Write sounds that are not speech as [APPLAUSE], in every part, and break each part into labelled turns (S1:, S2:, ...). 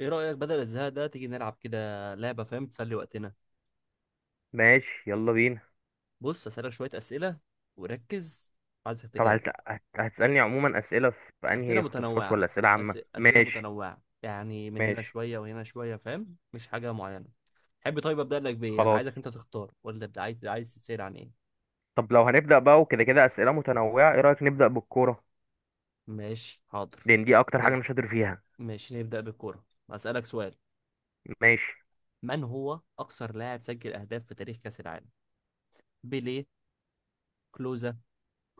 S1: ايه رأيك بدل الزهق ده تيجي نلعب كده لعبة، فاهم؟ تسلي وقتنا.
S2: ماشي، يلا بينا.
S1: بص أسألك شوية أسئلة وركز. عايزك
S2: طب
S1: تجاوب.
S2: هتسألني عموما أسئلة في
S1: أسئلة
S2: أنهي اختصاص، ولا
S1: متنوعة.
S2: أسئلة عامة؟
S1: أسئلة
S2: ماشي.
S1: متنوعة، يعني من هنا
S2: ماشي،
S1: شوية وهنا شوية، فاهم؟ مش حاجة معينة. حب طيب أبدأ لك بإيه، أنا
S2: خلاص.
S1: عايزك أنت تختار، ولا أبدأ عايز تسأل عن إيه؟
S2: طب لو هنبدأ بقى وكده كده أسئلة متنوعة، إيه رأيك نبدأ بالكورة؟
S1: ماشي حاضر.
S2: لأن دي أكتر حاجة
S1: نب...
S2: أنا شاطر فيها.
S1: ماشي نبدأ بالكورة. أسألك سؤال.
S2: ماشي،
S1: من هو أكثر لاعب سجل أهداف في تاريخ كأس العالم؟ بيليه، كلوزا،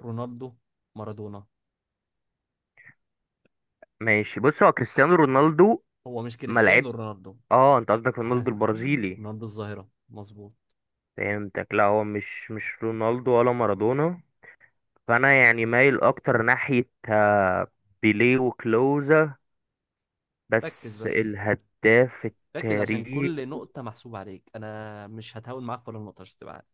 S1: رونالدو، مارادونا.
S2: ماشي. بص، هو كريستيانو رونالدو.
S1: هو مش
S2: ما لعب.
S1: كريستيانو رونالدو.
S2: آه، أنت قصدك رونالدو
S1: [LAUGHS]
S2: البرازيلي.
S1: من ارض الظاهره مظبوط.
S2: فهمتك، لا، هو مش رونالدو ولا مارادونا. فأنا يعني مايل أكتر ناحية بيليه وكلوزا.
S1: ركز
S2: بس
S1: بس،
S2: الهداف
S1: ركز عشان
S2: التاريخي.
S1: كل نقطه محسوبه عليك، انا مش هتهاون معاك في ولا نقطه عشان تبقى عارف.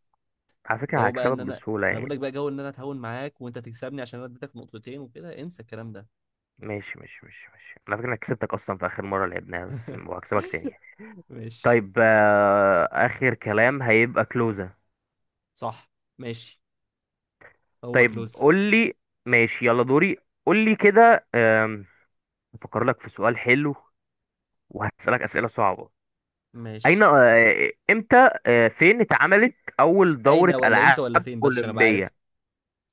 S2: على فكرة
S1: جو بقى
S2: هكسبك
S1: ان انا
S2: بسهولة
S1: انا بقول
S2: يعني.
S1: لك بقى جو ان انا اتهاون معاك وانت تكسبني، عشان انا اديتك نقطتين وكده انسى الكلام ده.
S2: ماشي، ماشي، ماشي، ماشي. على فكرة أنا كسبتك أصلا في آخر مرة لعبناها، بس
S1: [LAUGHS]
S2: وهكسبك تاني يعني.
S1: ماشي،
S2: طيب، آخر كلام هيبقى كلوزة.
S1: صح. ماشي. هو
S2: طيب
S1: كلوز.
S2: قولي. ماشي، يلا دوري. قولي كده. أفكر لك في سؤال حلو. وهسألك أسئلة صعبة. أين،
S1: ماشي.
S2: إمتى، فين اتعملت أول
S1: اين
S2: دورة
S1: ولا
S2: ألعاب
S1: امتى ولا فين، بس عشان ابقى
S2: أولمبية؟
S1: عارف.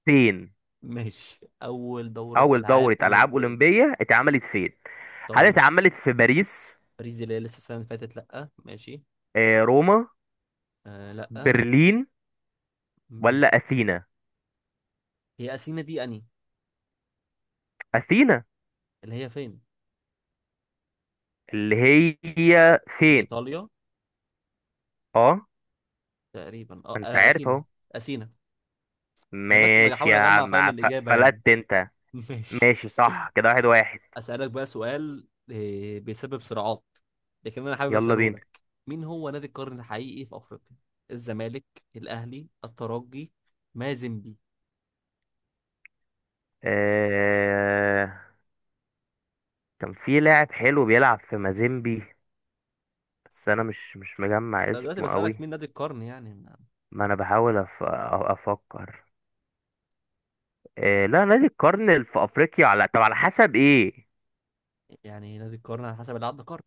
S2: فين؟
S1: ماشي اول دوره
S2: أول
S1: العاب
S2: دورة ألعاب
S1: اولمبيه.
S2: أولمبية اتعملت فين؟ هل
S1: طيب.
S2: اتعملت في باريس؟
S1: باريس دي اللي هي لسه السنه اللي فاتت، لا ماشي.
S2: روما؟
S1: لا.
S2: برلين؟
S1: مم.
S2: ولا اثينا؟
S1: هي اثينا دي اني.
S2: اثينا.
S1: اللي هي فين؟
S2: اللي هي
S1: في
S2: فين؟
S1: ايطاليا.
S2: اه.
S1: تقريبا
S2: ما انت عارف
S1: اثينا.
S2: اهو.
S1: اثينا. انا بس
S2: ماشي
S1: بحاول
S2: يا
S1: اجمع، فاهم؟
S2: عم،
S1: الاجابه يعني.
S2: فلت انت.
S1: [LAUGHS] ماشي.
S2: ماشي، صح كده، واحد واحد.
S1: اسالك بقى سؤال بيسبب صراعات، لكن انا حابب
S2: يلا
S1: اساله
S2: بينا.
S1: لك. مين هو نادي القرن الحقيقي في افريقيا؟ الزمالك، الاهلي، الترجي، مازيمبي.
S2: آه... كان في لاعب حلو بيلعب في مازيمبي. بس انا مش مجمع
S1: انا دلوقتي
S2: اسمه
S1: بسالك
S2: قوي.
S1: مين نادي القرن يعني.
S2: ما انا بحاول افكر. لا، نادي القرن اللي في افريقيا، على، طب على حسب ايه؟
S1: يعني نادي القرن على حسب اللي عدى قرن.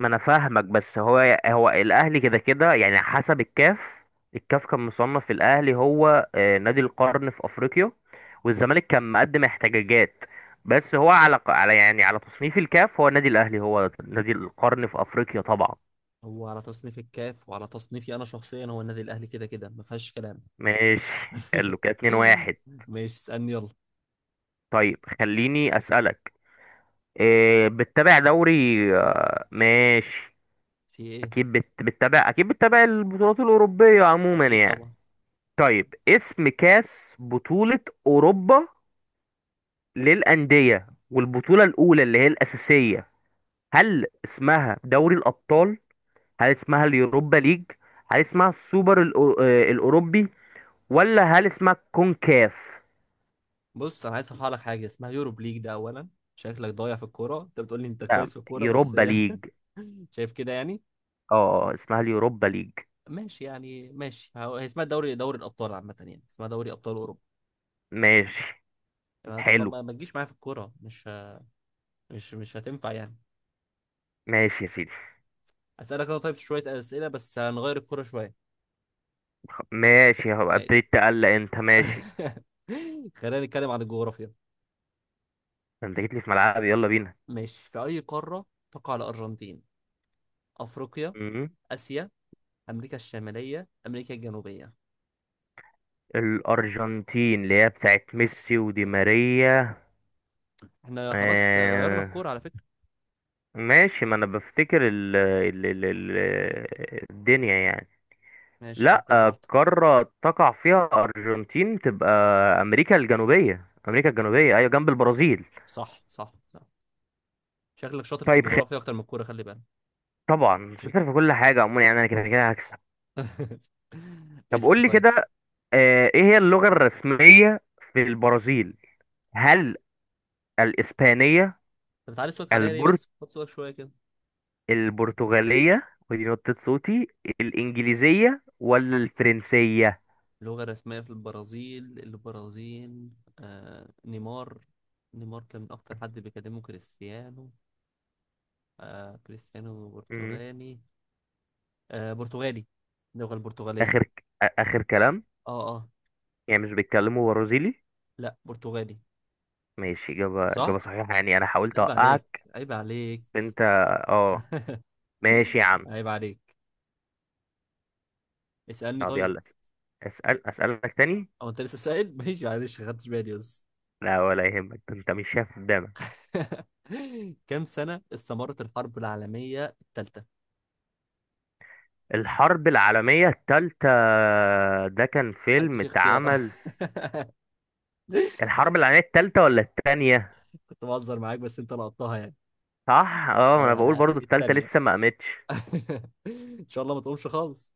S2: ما انا فاهمك، بس هو الاهلي كده كده يعني، حسب الكاف. الكاف كان مصنف الاهلي هو نادي القرن في افريقيا. والزمالك كان مقدم احتجاجات. بس هو على يعني على تصنيف الكاف، هو النادي الاهلي هو نادي القرن في افريقيا طبعا.
S1: هو على تصنيف الكاف وعلى تصنيفي انا شخصيا، هو النادي الاهلي كده كده ما فيهاش كلام.
S2: ماشي. حلو كده، 2
S1: [LAUGHS]
S2: 1
S1: ماشي اسالني يلا.
S2: طيب خليني اسالك. بتتابع دوري؟ ماشي.
S1: في ايه؟
S2: اكيد بتتابع، اكيد بتتابع البطولات الاوروبيه عموما
S1: اكيد
S2: يعني.
S1: طبعا.
S2: طيب، اسم كاس بطولة أوروبا للأندية، والبطولة الأولى اللي هي الأساسية. هل اسمها دوري الأبطال؟ هل اسمها اليوروبا ليج؟ هل اسمها السوبر الأوروبي؟ ولا هل اسمها كونكاف؟
S1: بص انا عايز اصحح لك حاجه، اسمها يوروب ليج ده اولا. شكلك ضايع في الكوره، انت بتقول لي انت
S2: لا،
S1: كويس في الكوره بس.
S2: يوروبا ليج.
S1: [LAUGHS] شايف كده يعني.
S2: اه، اسمها اليوروبا ليج.
S1: ماشي يعني ماشي. هي اسمها دوري الابطال، عامه يعني اسمها دوري ابطال اوروبا.
S2: ماشي،
S1: ما تف-
S2: حلو.
S1: ما ما تجيش معايا في الكوره، مش ه- مش مش هتنفع يعني.
S2: ماشي يا سيدي.
S1: اسالك انا طيب شويه اسئله، بس هنغير الكوره شويه.
S2: ماشي، هبقى
S1: ماشي.
S2: ابتديت تقلق انت؟ ماشي.
S1: [LAUGHS] خلينا نتكلم عن الجغرافيا.
S2: انت جيت لي في ملعبي، يلا بينا.
S1: ماشي. في اي قاره تقع الارجنتين؟ افريقيا،
S2: مم.
S1: اسيا، امريكا الشماليه، امريكا الجنوبيه؟
S2: الأرجنتين اللي هي بتاعت ميسي ودي ماريا.
S1: احنا خلاص غيرنا
S2: آه.
S1: الكوره على فكره.
S2: ماشي، ما أنا بفتكر ال ال ال ال الدنيا يعني.
S1: ماشي
S2: لا،
S1: فكر براحتك.
S2: قارة تقع فيها أرجنتين تبقى أمريكا الجنوبية. أمريكا الجنوبية، أيوة، جنب البرازيل.
S1: صح صح صح. شكلك شاطر في
S2: طيب.
S1: الجغرافيا اكتر من الكوره، خلي بالك.
S2: طبعا شاطر في كل حاجة عموما يعني، أنا كده كده هكسب.
S1: [LAUGHS]
S2: طب
S1: اسال
S2: قول لي
S1: طيب.
S2: كده. إيه هي اللغة الرسمية في البرازيل؟ هل الإسبانية،
S1: انت بتعلي صوتك عليا ليه بس؟
S2: البرتغالية،
S1: خد صوتك شويه كده.
S2: البرتغالية، ودي نقطة صوتي، الإنجليزية ولا الفرنسية؟
S1: اللغه الرسميه في البرازيل، البرازيل آه نيمار. نيمار كان من اكتر حد بيكلمه كريستيانو. آه كريستيانو
S2: مم.
S1: برتغالي. آه برتغالي. اللغه البرتغاليه.
S2: آخر كلام.
S1: اه اه.
S2: يعني مش بيتكلموا برازيلي؟
S1: لا برتغالي.
S2: ماشي، إجابة
S1: صح.
S2: صحيحة يعني، أنا حاولت
S1: عيب عليك،
S2: أوقعك.
S1: عيب عليك.
S2: بس أنت. أه. ماشي يا
S1: [LAUGHS]
S2: عم.
S1: عيب عليك. اسالني
S2: طب
S1: طيب.
S2: يلا. أسألك تاني.
S1: او انت لسه سائل؟ [LAUGHS] ماشي معلش ما خدتش بالي بس.
S2: لا، ولا يهمك، ده أنت مش شايف قدامك.
S1: [LAUGHS] كم سنة استمرت الحرب العالمية الثالثة؟
S2: الحرب العالمية التالتة، ده كان فيلم
S1: أديك اختيار.
S2: اتعمل.
S1: [LAUGHS]
S2: الحرب العالمية التالتة ولا التانية؟
S1: كنت بهزر معاك بس أنت لقطتها يعني.
S2: صح، اه، ما انا
S1: أه
S2: بقول
S1: لا
S2: برضو التالتة
S1: الثانية.
S2: لسه ما قامتش.
S1: [LAUGHS] إن شاء الله ما تقومش خالص.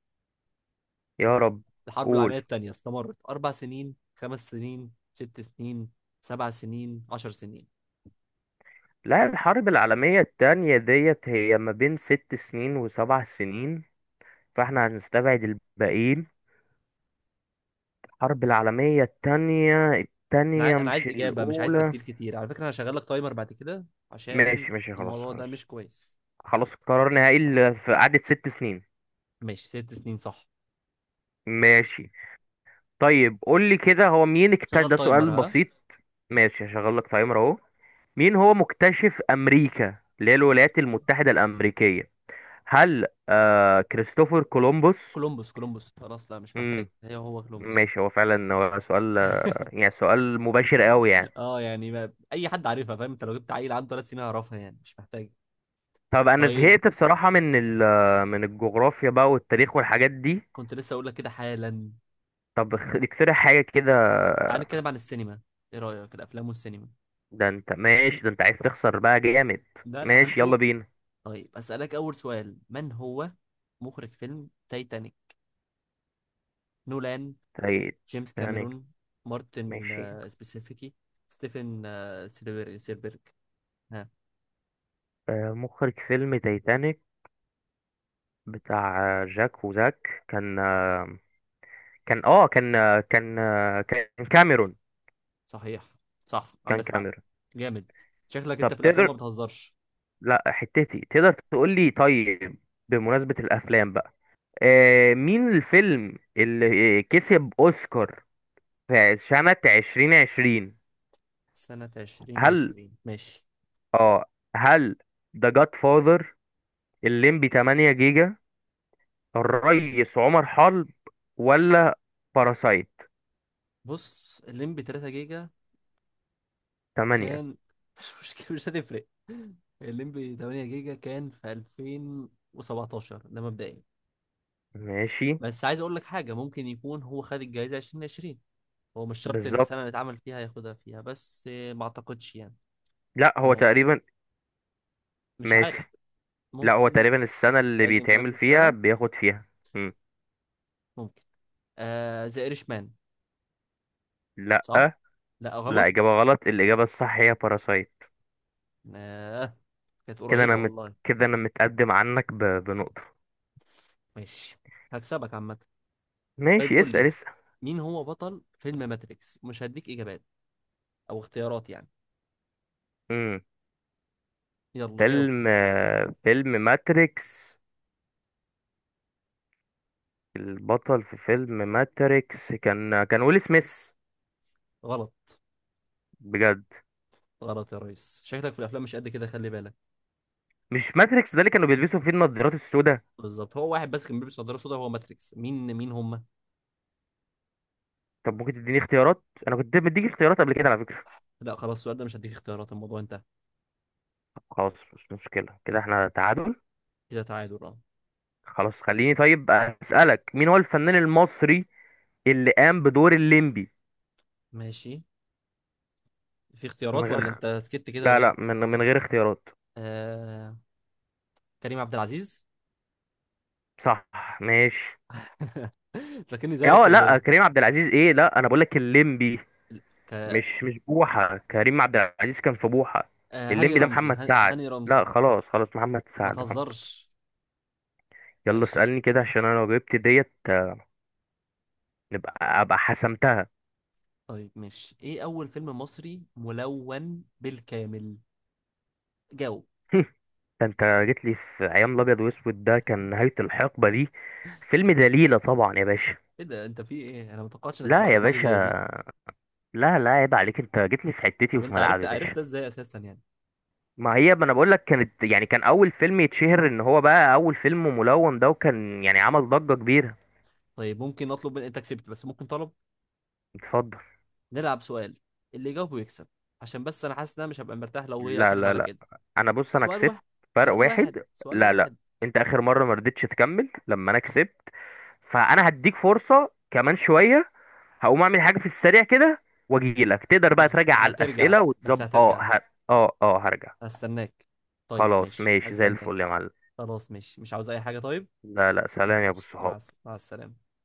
S2: يا رب.
S1: الحرب
S2: قول.
S1: العالمية الثانية استمرت 4 سنين، 5 سنين، 6 سنين، 7 سنين، 10 سنين؟
S2: لا، الحرب العالمية التانية ديت هي ما بين 6 سنين وسبع سنين. فاحنا هنستبعد الباقيين. الحرب العالمية التانية، التانية
S1: أنا
S2: مش
S1: عايز إجابة مش عايز
S2: الأولى.
S1: تفكير كتير. على فكرة أنا هشغل لك تايمر بعد كده عشان
S2: ماشي، ماشي، خلاص،
S1: الموضوع ده
S2: خلاص.
S1: مش كويس.
S2: خلاص، قرار نهائي، في قعدة 6 سنين.
S1: ماشي 6 سنين صح.
S2: ماشي. طيب قول لي كده، هو مين اكتشف؟
S1: شغل
S2: ده
S1: تايمر
S2: سؤال
S1: ها.
S2: بسيط. ماشي، هشغل لك تايمر اهو. مين هو مكتشف أمريكا اللي هي الولايات
S1: ماشي.
S2: المتحدة الأمريكية؟ هل كريستوفر كولومبوس؟
S1: كولومبوس خلاص، لا مش محتاج هي، هو كولومبوس.
S2: ماشي، هو فعلا هو سؤال. يعني سؤال مباشر قوي يعني.
S1: اه يعني ما... اي حد عارفها، فاهم؟ انت لو جبت عيل عنده 3 سنين هيعرفها يعني، مش محتاج.
S2: طب انا
S1: طيب.
S2: زهقت بصراحة من الجغرافيا بقى والتاريخ والحاجات دي.
S1: كنت لسه اقول لك كده حالا.
S2: طب اقترح حاجة كده.
S1: تعال نتكلم عن السينما. ايه رايك الافلام والسينما؟
S2: ده انت ماشي؟ ده انت عايز تخسر بقى جامد.
S1: لا لا
S2: ماشي، يلا
S1: هنشوف.
S2: بينا.
S1: طيب اسالك اول سؤال. من هو مخرج فيلم تايتانيك؟ نولان، جيمس
S2: تايتانيك.
S1: كاميرون، مارتن
S2: ماشي،
S1: سبيسيفيكي، ستيفن سيلبرج. ها؟
S2: مخرج فيلم تايتانيك بتاع جاك وزاك، كان كاميرون.
S1: صحيح. صح
S2: كان
S1: عندك حق.
S2: كاميرون.
S1: جامد. شكلك
S2: طب
S1: انت في الافلام
S2: تقدر.
S1: ما بتهزرش.
S2: لا حتتي تقدر تقول لي طيب. بمناسبة الأفلام بقى. مين الفيلم اللي كسب أوسكار في سنة 2020؟
S1: سنة عشرين
S2: هل
S1: عشرين ماشي.
S2: اه هل ذا جاد فاذر، الليمبي 8 جيجا، الريس عمر حرب، ولا باراسايت؟
S1: بص الليمبي 3 جيجا
S2: 8.
S1: كان [LAUGHS] مش مشكلة مش هتفرق. الليمبي 8 جيجا كان في 2017 ده مبدئيا.
S2: ماشي،
S1: بس عايز أقول لك حاجة، ممكن يكون هو خد الجايزة 2020. هو مش شرط إن
S2: بالظبط.
S1: السنة اللي اتعمل فيها ياخدها فيها، بس ما أعتقدش يعني.
S2: لا هو
S1: أنا
S2: تقريبا.
S1: مش عارف.
S2: ماشي. لا هو
S1: ممكن.
S2: تقريبا السنة اللي
S1: لازم في نفس
S2: بيتعمل فيها
S1: السنة.
S2: بياخد فيها. مم.
S1: ممكن. ذا إيرش مان.
S2: لا،
S1: صح؟ لا
S2: لا،
S1: غلط.
S2: إجابة غلط، الإجابة الصح هي باراسايت.
S1: آه. كانت
S2: كده
S1: قريبة
S2: انا مت...
S1: والله.
S2: كده انا متقدم عنك بنقطة.
S1: ماشي. هكسبك عامة. طيب
S2: ماشي،
S1: قول
S2: اسأل
S1: لي.
S2: اسأل.
S1: مين هو بطل فيلم ماتريكس؟ ومش هديك اجابات او اختيارات يعني.
S2: امم
S1: يلا جاوب.
S2: فيلم ماتريكس. البطل في فيلم ماتريكس كان ويل سميث.
S1: غلط.
S2: بجد؟
S1: غلط يا ريس، شكلك في الافلام مش قد كده خلي بالك.
S2: مش ماتريكس ده اللي كانوا بيلبسوا فيه النضارات السوداء؟
S1: بالظبط، هو واحد بس كان بيلبس نظاره سودا هو ماتريكس، مين هم؟
S2: طب ممكن تديني اختيارات؟ انا كنت مديك اختيارات قبل كده، على فكرة.
S1: لا خلاص السؤال ده مش هديك اختيارات، الموضوع انتهى.
S2: طب خلاص، مش مشكلة، كده احنا تعادل.
S1: كده تعادل اه.
S2: خلاص، خليني طيب اسألك، مين هو الفنان المصري اللي قام بدور الليمبي.
S1: ماشي. في
S2: من
S1: اختيارات ولا
S2: غير.
S1: انت سكت كده
S2: لا،
S1: ليه؟
S2: لا، من غير اختيارات.
S1: آه... كريم عبد العزيز.
S2: صح. ماشي.
S1: [LAUGHS] فاكرني زيك
S2: اه،
S1: ولا
S2: لا،
S1: ايه؟
S2: كريم عبد العزيز ايه؟ لا، انا بقول لك الليمبي.
S1: ك...
S2: مش بوحه، كريم عبد العزيز كان في بوحه.
S1: هاني
S2: الليمبي ده
S1: رمزي.
S2: محمد سعد.
S1: هاني رمزي.
S2: لا، خلاص، خلاص، محمد
S1: ما
S2: سعد، محمد.
S1: تهزرش.
S2: يلا
S1: ماشي.
S2: اسالني كده، عشان انا لو جبت ديت نبقى ابقى حسمتها.
S1: طيب ماشي. ايه اول فيلم مصري ملون بالكامل؟ جاوب.
S2: [LAUGHS] ده انت جيت لي في ايام الابيض واسود، ده كان نهايه الحقبه دي. فيلم دليله طبعا يا باشا.
S1: ايه ده انت في ايه؟ انا ما توقعتش انك
S2: لا
S1: تبقى
S2: يا
S1: عارف حاجه زي
S2: باشا.
S1: دي.
S2: لا، لا، عيب عليك، انت جيت لي في حتتي
S1: طب
S2: وفي
S1: انت
S2: ملعبي
S1: عرفت،
S2: يا
S1: عرفت
S2: باشا.
S1: ده ازاي اساسا يعني؟
S2: ما هي، ما انا بقول لك، كانت يعني كان اول فيلم يتشهر ان هو بقى اول فيلم ملون ده، وكان يعني عمل ضجة كبيرة.
S1: طيب ممكن اطلب من، انت كسبت بس ممكن طلب.
S2: اتفضل.
S1: نلعب سؤال، اللي يجاوبه يكسب، عشان بس انا حاسس ان انا مش هبقى مرتاح لو هي
S2: لا،
S1: قفلت
S2: لا،
S1: على
S2: لا،
S1: كده.
S2: بص انا
S1: سؤال
S2: كسبت.
S1: واحد،
S2: فرق
S1: سؤال واحد،
S2: واحد.
S1: سؤال
S2: لا، لا.
S1: واحد.
S2: انت اخر مرة ما رضيتش تكمل لما انا كسبت. فانا هديك فرصة كمان شوية. هقوم اعمل حاجة في السريع كده. واجي لك، تقدر بقى
S1: بس
S2: تراجع على
S1: هترجع،
S2: الاسئلة
S1: بس
S2: وتظبط، اه
S1: هترجع.
S2: ه... اه، اه، هرجع.
S1: هستناك. طيب
S2: خلاص
S1: ماشي
S2: ماشي، زي الفل
S1: هستناك.
S2: يا معلم.
S1: خلاص ماشي مش عاوز اي حاجه طيب.
S2: لا، لا، سلام يا ابو
S1: ماشي.
S2: الصحاب.
S1: مع السلامه.